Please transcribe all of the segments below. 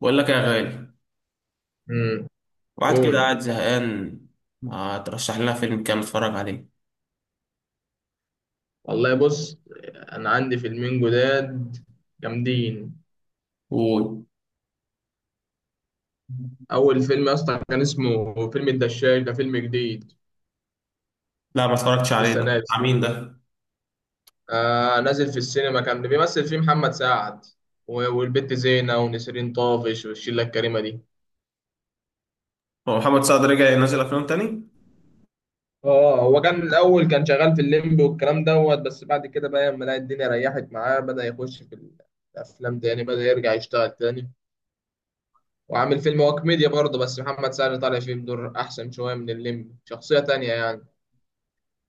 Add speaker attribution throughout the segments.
Speaker 1: بقول لك يا غالي،
Speaker 2: امم
Speaker 1: واحد كده
Speaker 2: قول.
Speaker 1: قاعد زهقان، ما ترشح لنا فيلم كام اتفرج عليه.
Speaker 2: والله بص، انا عندي فيلمين جداد جامدين.
Speaker 1: قول.
Speaker 2: اول فيلم يا اسطى كان اسمه فيلم الدشاش، ده فيلم جديد
Speaker 1: لا، ما اتفرجتش عليه،
Speaker 2: لسه
Speaker 1: ده
Speaker 2: نازل.
Speaker 1: بتاع مين ده؟
Speaker 2: آه نازل في السينما، كان بيمثل فيه محمد سعد والبت زينة ونسرين طافش والشلة الكريمة دي.
Speaker 1: هو محمد سعد رجع ينزل افلام تاني؟
Speaker 2: اه هو كان الاول كان شغال في الليمبي والكلام دوت، بس بعد كده بقى لما لقى الدنيا ريحت معاه بدأ يخش في الافلام تاني، بدأ يرجع يشتغل تاني. وعامل فيلم هو كوميديا برضه، بس محمد سعد طالع فيه بدور أحسن شوية من الليمبي، شخصية تانية يعني.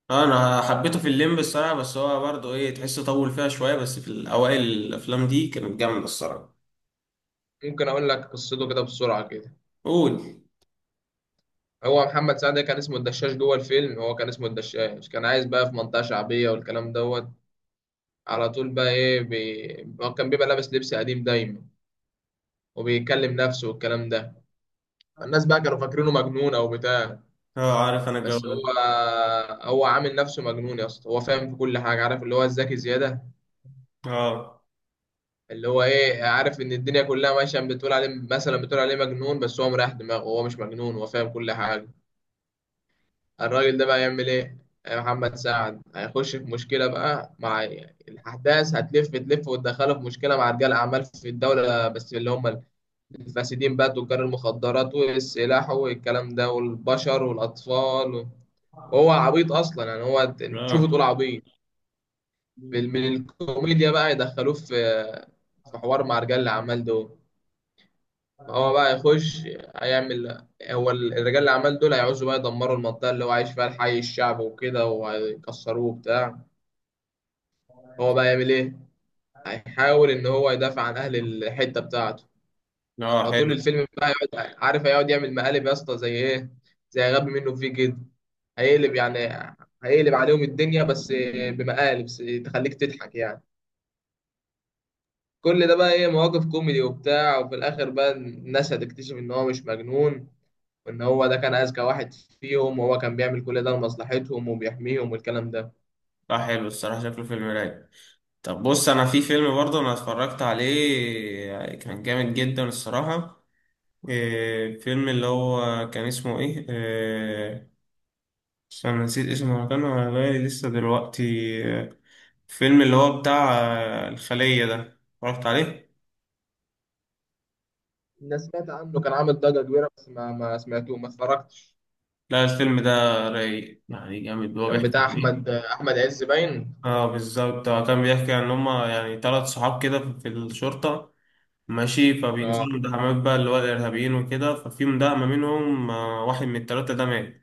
Speaker 1: آه، انا حبيته في الليمب الصراحه، بس هو برضه ايه تحس طول فيها شويه، بس في الاوائل الافلام دي كانت جامده الصراحه.
Speaker 2: ممكن أقول لك قصته كده بسرعة كده.
Speaker 1: قول.
Speaker 2: هو محمد سعد كان اسمه الدشاش جوه الفيلم، هو كان اسمه الدشاش، كان عايز بقى في منطقة شعبية والكلام دوت. على طول بقى هو كان بيبقى لابس لبس قديم دايما وبيكلم نفسه والكلام ده. الناس بقى كانوا فاكرينه مجنون أو بتاع،
Speaker 1: اه، عارف انا الجو
Speaker 2: بس
Speaker 1: ده.
Speaker 2: هو عامل نفسه مجنون يا اسطى، هو فاهم في كل حاجة، عارف اللي هو الذكي زيادة،
Speaker 1: اه،
Speaker 2: اللي هو ايه، عارف ان الدنيا كلها ماشيه بتقول عليه مثلا بتقول عليه مجنون، بس هو مريح دماغه، هو مش مجنون، هو فاهم كل حاجه. الراجل ده بقى يعمل ايه؟ يا محمد سعد هيخش في مشكله بقى مع الاحداث، هتلف تلف وتدخله في مشكله مع رجال اعمال في الدوله، بس اللي هم الفاسدين بقى، تجار المخدرات والسلاح والكلام ده والبشر والاطفال و... وهو عبيط اصلا يعني، هو
Speaker 1: اه،
Speaker 2: تشوفه تقول عبيط. من الكوميديا بقى يدخلوه في في حوار مع رجال الاعمال دول. هو بقى يخش، هيعمل، هو الرجال اللي عمال دول هيعوزوا بقى يدمروا المنطقة اللي هو عايش فيها الحي الشعبي وكده، وهيكسروه وبتاع. هو بقى يعمل ايه؟ هيحاول ان هو يدافع عن اهل الحتة بتاعته.
Speaker 1: اه،
Speaker 2: فطول
Speaker 1: حلو.
Speaker 2: الفيلم بقى هيقعد، عارف، هيقعد يعمل مقالب يا اسطى، زي ايه؟ زي غبي منه فيه كده، هيقلب يعني، هيقلب عليهم الدنيا، بس بمقالب بس تخليك تضحك يعني. كل ده بقى ايه، مواقف كوميدي وبتاع، وفي الاخر بقى الناس هتكتشف ان هو مش مجنون، وان هو ده كان اذكى واحد فيهم، وهو كان بيعمل كل ده لمصلحتهم وبيحميهم والكلام ده.
Speaker 1: اه، حلو الصراحه، شكله فيلم رايق. طب بص، انا في فيلم برضه انا اتفرجت عليه كان جامد جدا الصراحه. إيه، فيلم اللي هو كان اسمه ايه، إيه، انا نسيت اسمه، هو كان على بالي لسه دلوقتي، إيه، فيلم اللي هو بتاع آه، الخلية ده، اتفرجت عليه؟
Speaker 2: الناس سمعت عنه، كان عامل ضجة كبيرة، بس ما سمعته، ما اتفرجتش.
Speaker 1: لا، الفيلم ده رايق يعني جامد. هو
Speaker 2: كان
Speaker 1: بيحكي
Speaker 2: بتاع
Speaker 1: عن
Speaker 2: احمد
Speaker 1: ايه؟
Speaker 2: احمد عز باين.
Speaker 1: اه، بالظبط، هو كان بيحكي عن هما يعني ثلاث صحاب كده في الشرطة. ماشي،
Speaker 2: اه،
Speaker 1: فبينزلوا مداهمات بقى اللي هو الإرهابيين وكده. ففي مداهمة منهم آه، واحد من التلاتة ده مات.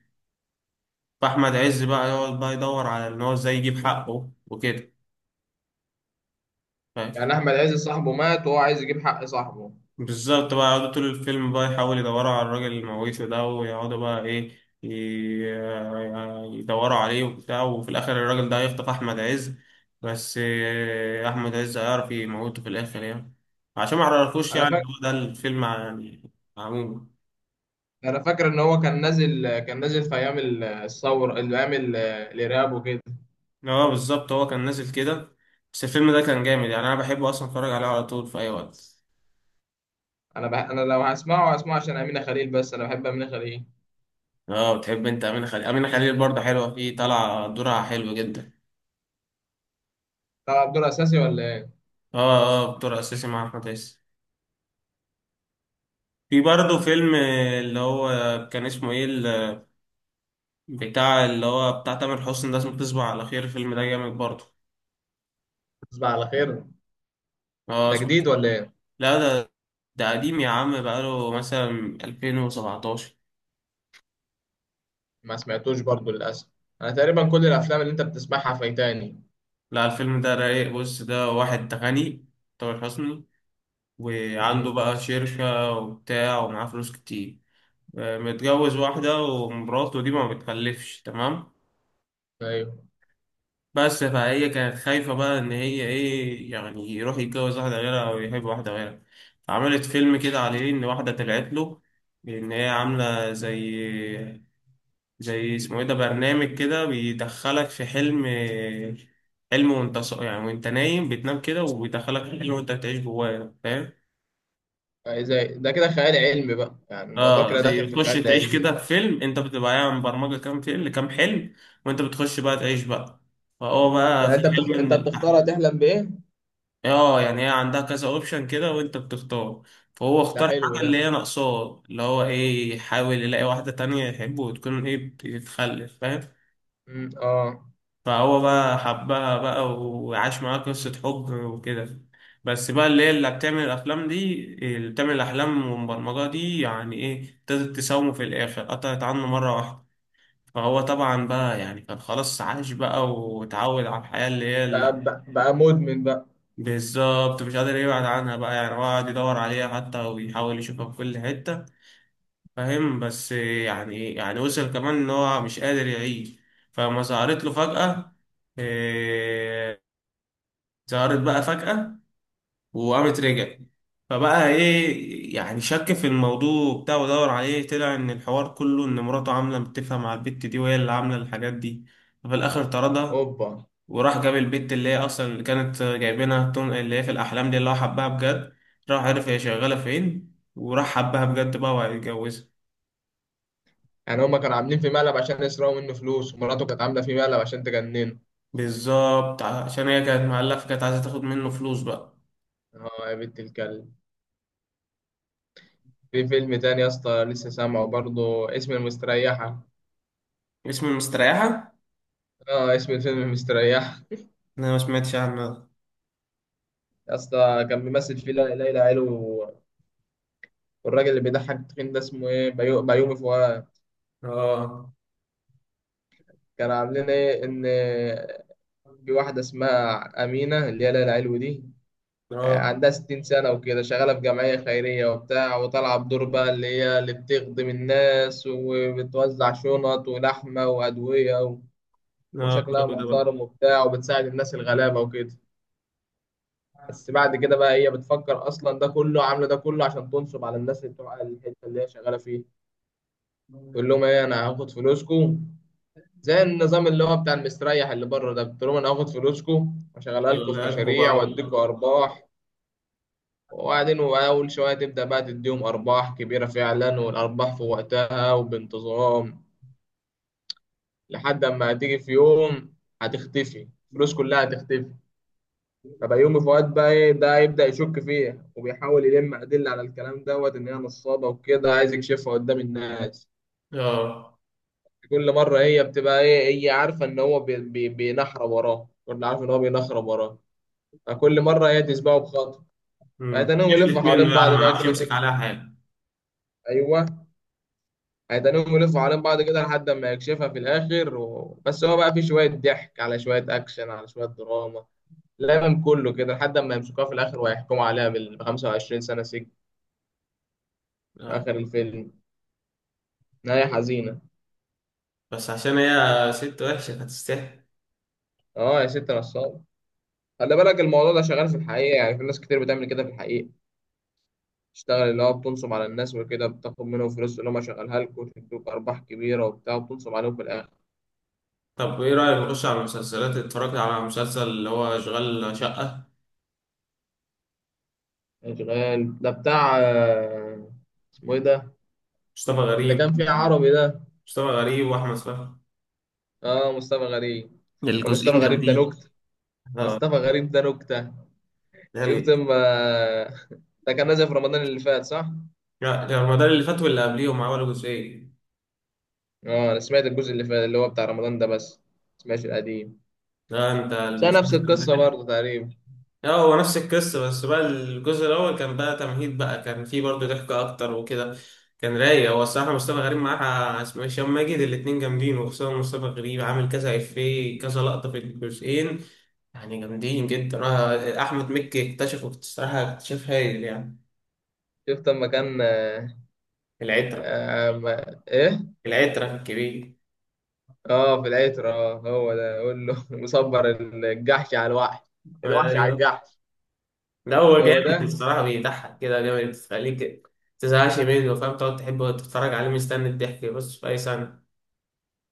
Speaker 1: فأحمد عز بقى يقعد بقى يدور على إن هو إزاي يجيب حقه وكده، فاهم؟
Speaker 2: يعني احمد عز صاحبه مات وهو عايز يجيب حق صاحبه.
Speaker 1: بالظبط، بقى يقعدوا طول الفيلم بقى يحاولوا يدوروا على الراجل المويسه ده، ويقعدوا بقى ايه يدوروا عليه وبتاع. وفي الاخر الراجل ده هيخطف احمد عز، بس آه، احمد عز هيعرف يموته في الاخر يعني. عشان ما عرفوش
Speaker 2: انا
Speaker 1: يعني،
Speaker 2: فاكر
Speaker 1: هو ده الفيلم يعني، عموما.
Speaker 2: انا فاكر ان هو كان نازل، كان نازل في ايام الثوره، ايام الارهاب وكده.
Speaker 1: اه، بالظبط، هو كان نازل كده. بس الفيلم ده كان جامد يعني، انا بحبه اصلا اتفرج عليه على طول في اي وقت.
Speaker 2: انا لو هسمعه هسمعه عشان امينه خليل، بس انا بحب امينه خليل.
Speaker 1: اه، بتحب انت امينه خليل. امينه خليل برضه حلوه فيه، طالعه دورها حلو جدا.
Speaker 2: طلع دور اساسي ولا ايه؟
Speaker 1: اه، اه، بطور اساسي مع احمد عز. في برضه فيلم اللي هو كان اسمه ايه، بتاع اللي هو بتاع تامر حسني ده، اسمه تصبح على خير، الفيلم ده جامد برضه.
Speaker 2: تصبح على خير،
Speaker 1: اه،
Speaker 2: ده
Speaker 1: اسمه.
Speaker 2: جديد ولا ايه؟
Speaker 1: لا، ده قديم يا عم، بقاله مثلا 2017.
Speaker 2: ما سمعتوش برضو للأسف، أنا تقريبا كل الأفلام اللي أنت بتسمعها فايتاني.
Speaker 1: لا، الفيلم ده رايق. بص، ده واحد غني، تامر حسني، وعنده
Speaker 2: امم.
Speaker 1: بقى شركة وبتاع، ومعاه فلوس كتير. آه، متجوز واحدة، ومراته دي ما بتخلفش، تمام.
Speaker 2: أيوه.
Speaker 1: بس فهي كانت خايفة بقى إن هي إيه يعني يروح يتجوز واحدة غيرها أو يحب واحدة غيرها. عملت فيلم كده عليه إن واحدة طلعت له إن هي عاملة زي اسمه إيه ده، برنامج كده بيدخلك في حلم وأنت يعني وأنت نايم بتنام كده وبيدخلك في حلم وأنت بتعيش جواه، فاهم؟
Speaker 2: أي زي ده كده خيال علمي بقى، يعني الموضوع
Speaker 1: اه،
Speaker 2: كده داخل
Speaker 1: زي
Speaker 2: في
Speaker 1: تخش
Speaker 2: خيال
Speaker 1: تعيش
Speaker 2: علمي.
Speaker 1: كده في فيلم، انت بتبقى يعني برمجة كام فيلم كام حلم، وانت بتخش بقى تعيش بقى. فهو بقى
Speaker 2: يعني
Speaker 1: في حلم من
Speaker 2: أنت بتختار
Speaker 1: الأحلام.
Speaker 2: هتحلم بإيه.
Speaker 1: اه، يعني هي عندها كذا اوبشن كده، وانت بتختار. فهو
Speaker 2: ده
Speaker 1: اختار
Speaker 2: حلو
Speaker 1: حاجة
Speaker 2: ده.
Speaker 1: اللي هي ناقصاه، اللي هو ايه، يحاول يلاقي واحدة تانية يحبه وتكون ايه بتتخلف، فاهم.
Speaker 2: امم، آه.
Speaker 1: فهو بقى حبها بقى، وعاش معاها قصة حب وكده. بس بقى اللي هي اللي بتعمل الأفلام دي، اللي بتعمل الأحلام والبرمجة دي يعني ايه، ابتدت تساومه. في الآخر قطعت عنه مرة واحدة. فهو طبعا بقى يعني كان خلاص عاش بقى وتعود على الحياة اللي هي.
Speaker 2: بقى مدمن بقى.
Speaker 1: بالظبط، مش قادر يبعد عنها بقى يعني، هو قاعد يدور عليها حتى وبيحاول يشوفها في كل حتة. فاهم؟ بس يعني وصل كمان إن هو مش قادر يعيش. فلما ظهرت له
Speaker 2: مم.
Speaker 1: فجأة، إيه، ظهرت بقى فجأة، وقامت رجعت. فبقى إيه يعني، شك في الموضوع بتاعه ودور عليه، طلع إن الحوار كله إن مراته عاملة متفقة مع البت دي، وهي اللي عاملة الحاجات دي. ففي الآخر طردها.
Speaker 2: أوبا.
Speaker 1: وراح جاب البت اللي هي اصلا اللي كانت جايبينها اللي هي في الاحلام دي، اللي هو حبها بجد. راح عرف هي شغاله فين، وراح حبها بجد بقى، وهيتجوزها.
Speaker 2: يعني هما كانوا عاملين في مقلب عشان يسرقوا منه فلوس ومراته كانت عاملة في مقلب عشان تجننه.
Speaker 1: بالظبط، عشان هي كانت مقلقه، فكانت عايزه تاخد منه فلوس بقى.
Speaker 2: آه يا بنت الكلب. في فيلم تاني يا اسطى لسه سامعه برضه، اسم المستريحة.
Speaker 1: اسم المستريحه؟
Speaker 2: آه اسم الفيلم المستريحة.
Speaker 1: انا ما سمعتش عنه ده.
Speaker 2: يا اسطى كان بيمثل فيه ليلى علو والراجل اللي بيضحك التخين ده اسمه ايه، بيومي فؤاد.
Speaker 1: اه،
Speaker 2: كان عاملين ايه، ان في واحده اسمها امينه اللي هي ليلى علو دي، آه،
Speaker 1: اه،
Speaker 2: عندها 60 سنه وكده، شغاله في جمعيه خيريه وبتاع، وطالعه بدور بقى اللي هي اللي بتخدم الناس وبتوزع شنط ولحمه وادويه
Speaker 1: اه، ده
Speaker 2: وشكلها
Speaker 1: ده بقى.
Speaker 2: محترم وبتاع، وبتساعد الناس الغلابه وكده. بس بعد كده بقى هي بتفكر اصلا، ده كله عامله ده كله عشان تنصب على الناس اللي بتوع الحته اللي هي شغاله فيها. يقول لهم ايه، انا هاخد فلوسكم، زي النظام اللي هو بتاع المستريح اللي بره ده، بتقول لهم انا هاخد فلوسكم واشغلها لكم في
Speaker 1: شغلك
Speaker 2: مشاريع
Speaker 1: بقى.
Speaker 2: واديكم ارباح. وبعدين اول شويه تبدا بقى تديهم ارباح كبيره فعلا، والارباح في وقتها وبانتظام، لحد اما هتيجي في يوم هتختفي الفلوس كلها، هتختفي. فبقى يومي فؤاد بقى ايه، ده يبدا يشك فيها وبيحاول يلم ادله على الكلام دوت ان هي نصابه وكده، عايز يكشفها قدام الناس.
Speaker 1: اه،
Speaker 2: كل مرة هي بتبقى ايه، هي عارفة ان هو بي بي بينحرى وراه، كل عارفة ان هو بينحرى وراه، فكل مرة هي تسبقه بخطوة. فهيتنهم يلفوا
Speaker 1: كيفت
Speaker 2: حوالين
Speaker 1: منه يعني،
Speaker 2: بعض
Speaker 1: ما
Speaker 2: بقى
Speaker 1: عرفش
Speaker 2: كده
Speaker 1: يمسك
Speaker 2: طول.
Speaker 1: عليها حاجه.
Speaker 2: ايوه، هيتنهم يلفوا حوالين بعض كده لحد ما يكشفها في الاخر و... بس هو بقى فيه شوية ضحك على شوية اكشن على شوية دراما، لا من كله كده، لحد ما يمسكوها في الاخر ويحكموا عليها بال 25 سنة سجن في
Speaker 1: آه.
Speaker 2: اخر الفيلم. نهاية حزينة.
Speaker 1: بس عشان هي ست وحشه، كانت تستحق.
Speaker 2: اه يا ست نصاب. خلي بالك الموضوع ده شغال في الحقيقة، يعني في ناس كتير بتعمل كده في الحقيقة، تشتغل اللي هو بتنصب على الناس وكده، بتاخد منهم فلوس اللي هم شغالها لك وتدوك أرباح كبيرة وبتاع، وبتنصب عليهم في الآخر.
Speaker 1: طب ايه رأيك نخش على المسلسلات؟ اتفرجت على مسلسل اللي هو اشغال شقة؟
Speaker 2: إشغال ده بتاع آه، اسمه إيه ده،
Speaker 1: مصطفى
Speaker 2: اللي
Speaker 1: غريب.
Speaker 2: كان فيه عربي ده.
Speaker 1: مصطفى غريب واحمد فهمي.
Speaker 2: آه مصطفى غريب. آه، مصطفى
Speaker 1: الجزئين
Speaker 2: غريب ده
Speaker 1: جامدين.
Speaker 2: نكتة.
Speaker 1: اه،
Speaker 2: مصطفى غريب ده نكتة.
Speaker 1: ده
Speaker 2: شفت
Speaker 1: ال-
Speaker 2: ما ده كان نازل في رمضان اللي فات صح؟
Speaker 1: لا، ده رمضان اللي فات، واللي قبليهم عملوا جزئين.
Speaker 2: آه أنا سمعت الجزء اللي فات اللي هو بتاع رمضان ده، بس ما سمعتش القديم،
Speaker 1: ده انت
Speaker 2: بس نفس
Speaker 1: المسلسل
Speaker 2: القصة
Speaker 1: ده.
Speaker 2: برضه تقريبا.
Speaker 1: اه، هو نفس القصة، بس بقى الجزء الأول كان بقى تمهيد بقى، كان فيه برضه ضحك أكتر وكده. كان رايق هو الصراحة، مصطفى غريب معاه اسمه هشام ماجد، الاتنين جامدين، وخصوصا مصطفى غريب عامل كذا إفيه كذا لقطة في الجزئين. يعني جامدين جدا. انا احمد مكي اكتشفه الصراحه اكتشاف هايل يعني.
Speaker 2: شفت لما كان آه،
Speaker 1: العترة.
Speaker 2: آه، ما... إيه؟
Speaker 1: العترة الكبير.
Speaker 2: اه في العتر، اه هو ده، قول له مصبر الجحش على الوحش، الوحش على
Speaker 1: ايوه.
Speaker 2: الجحش.
Speaker 1: لا، هو
Speaker 2: هو
Speaker 1: جامد
Speaker 2: ده.
Speaker 1: الصراحه، بيضحك كده جامد، تخليك تزهقش منه، فاهم؟ تقعد تحبه تتفرج عليه مستني الضحك بس، في اي سنه.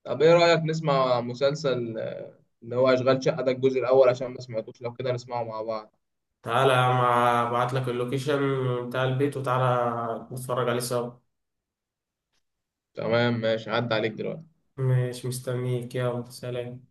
Speaker 2: طب ايه رأيك نسمع مسلسل آه، اللي هو اشغال شقة ده الجزء الاول، عشان ما سمعتوش لو كده نسمعه مع بعض.
Speaker 1: تعالى يا عم، ابعت لك اللوكيشن بتاع البيت، وتعالى نتفرج عليه سوا.
Speaker 2: تمام ماشي، عدى عليك دلوقتي.
Speaker 1: ماشي، مستنيك، يلا سلام.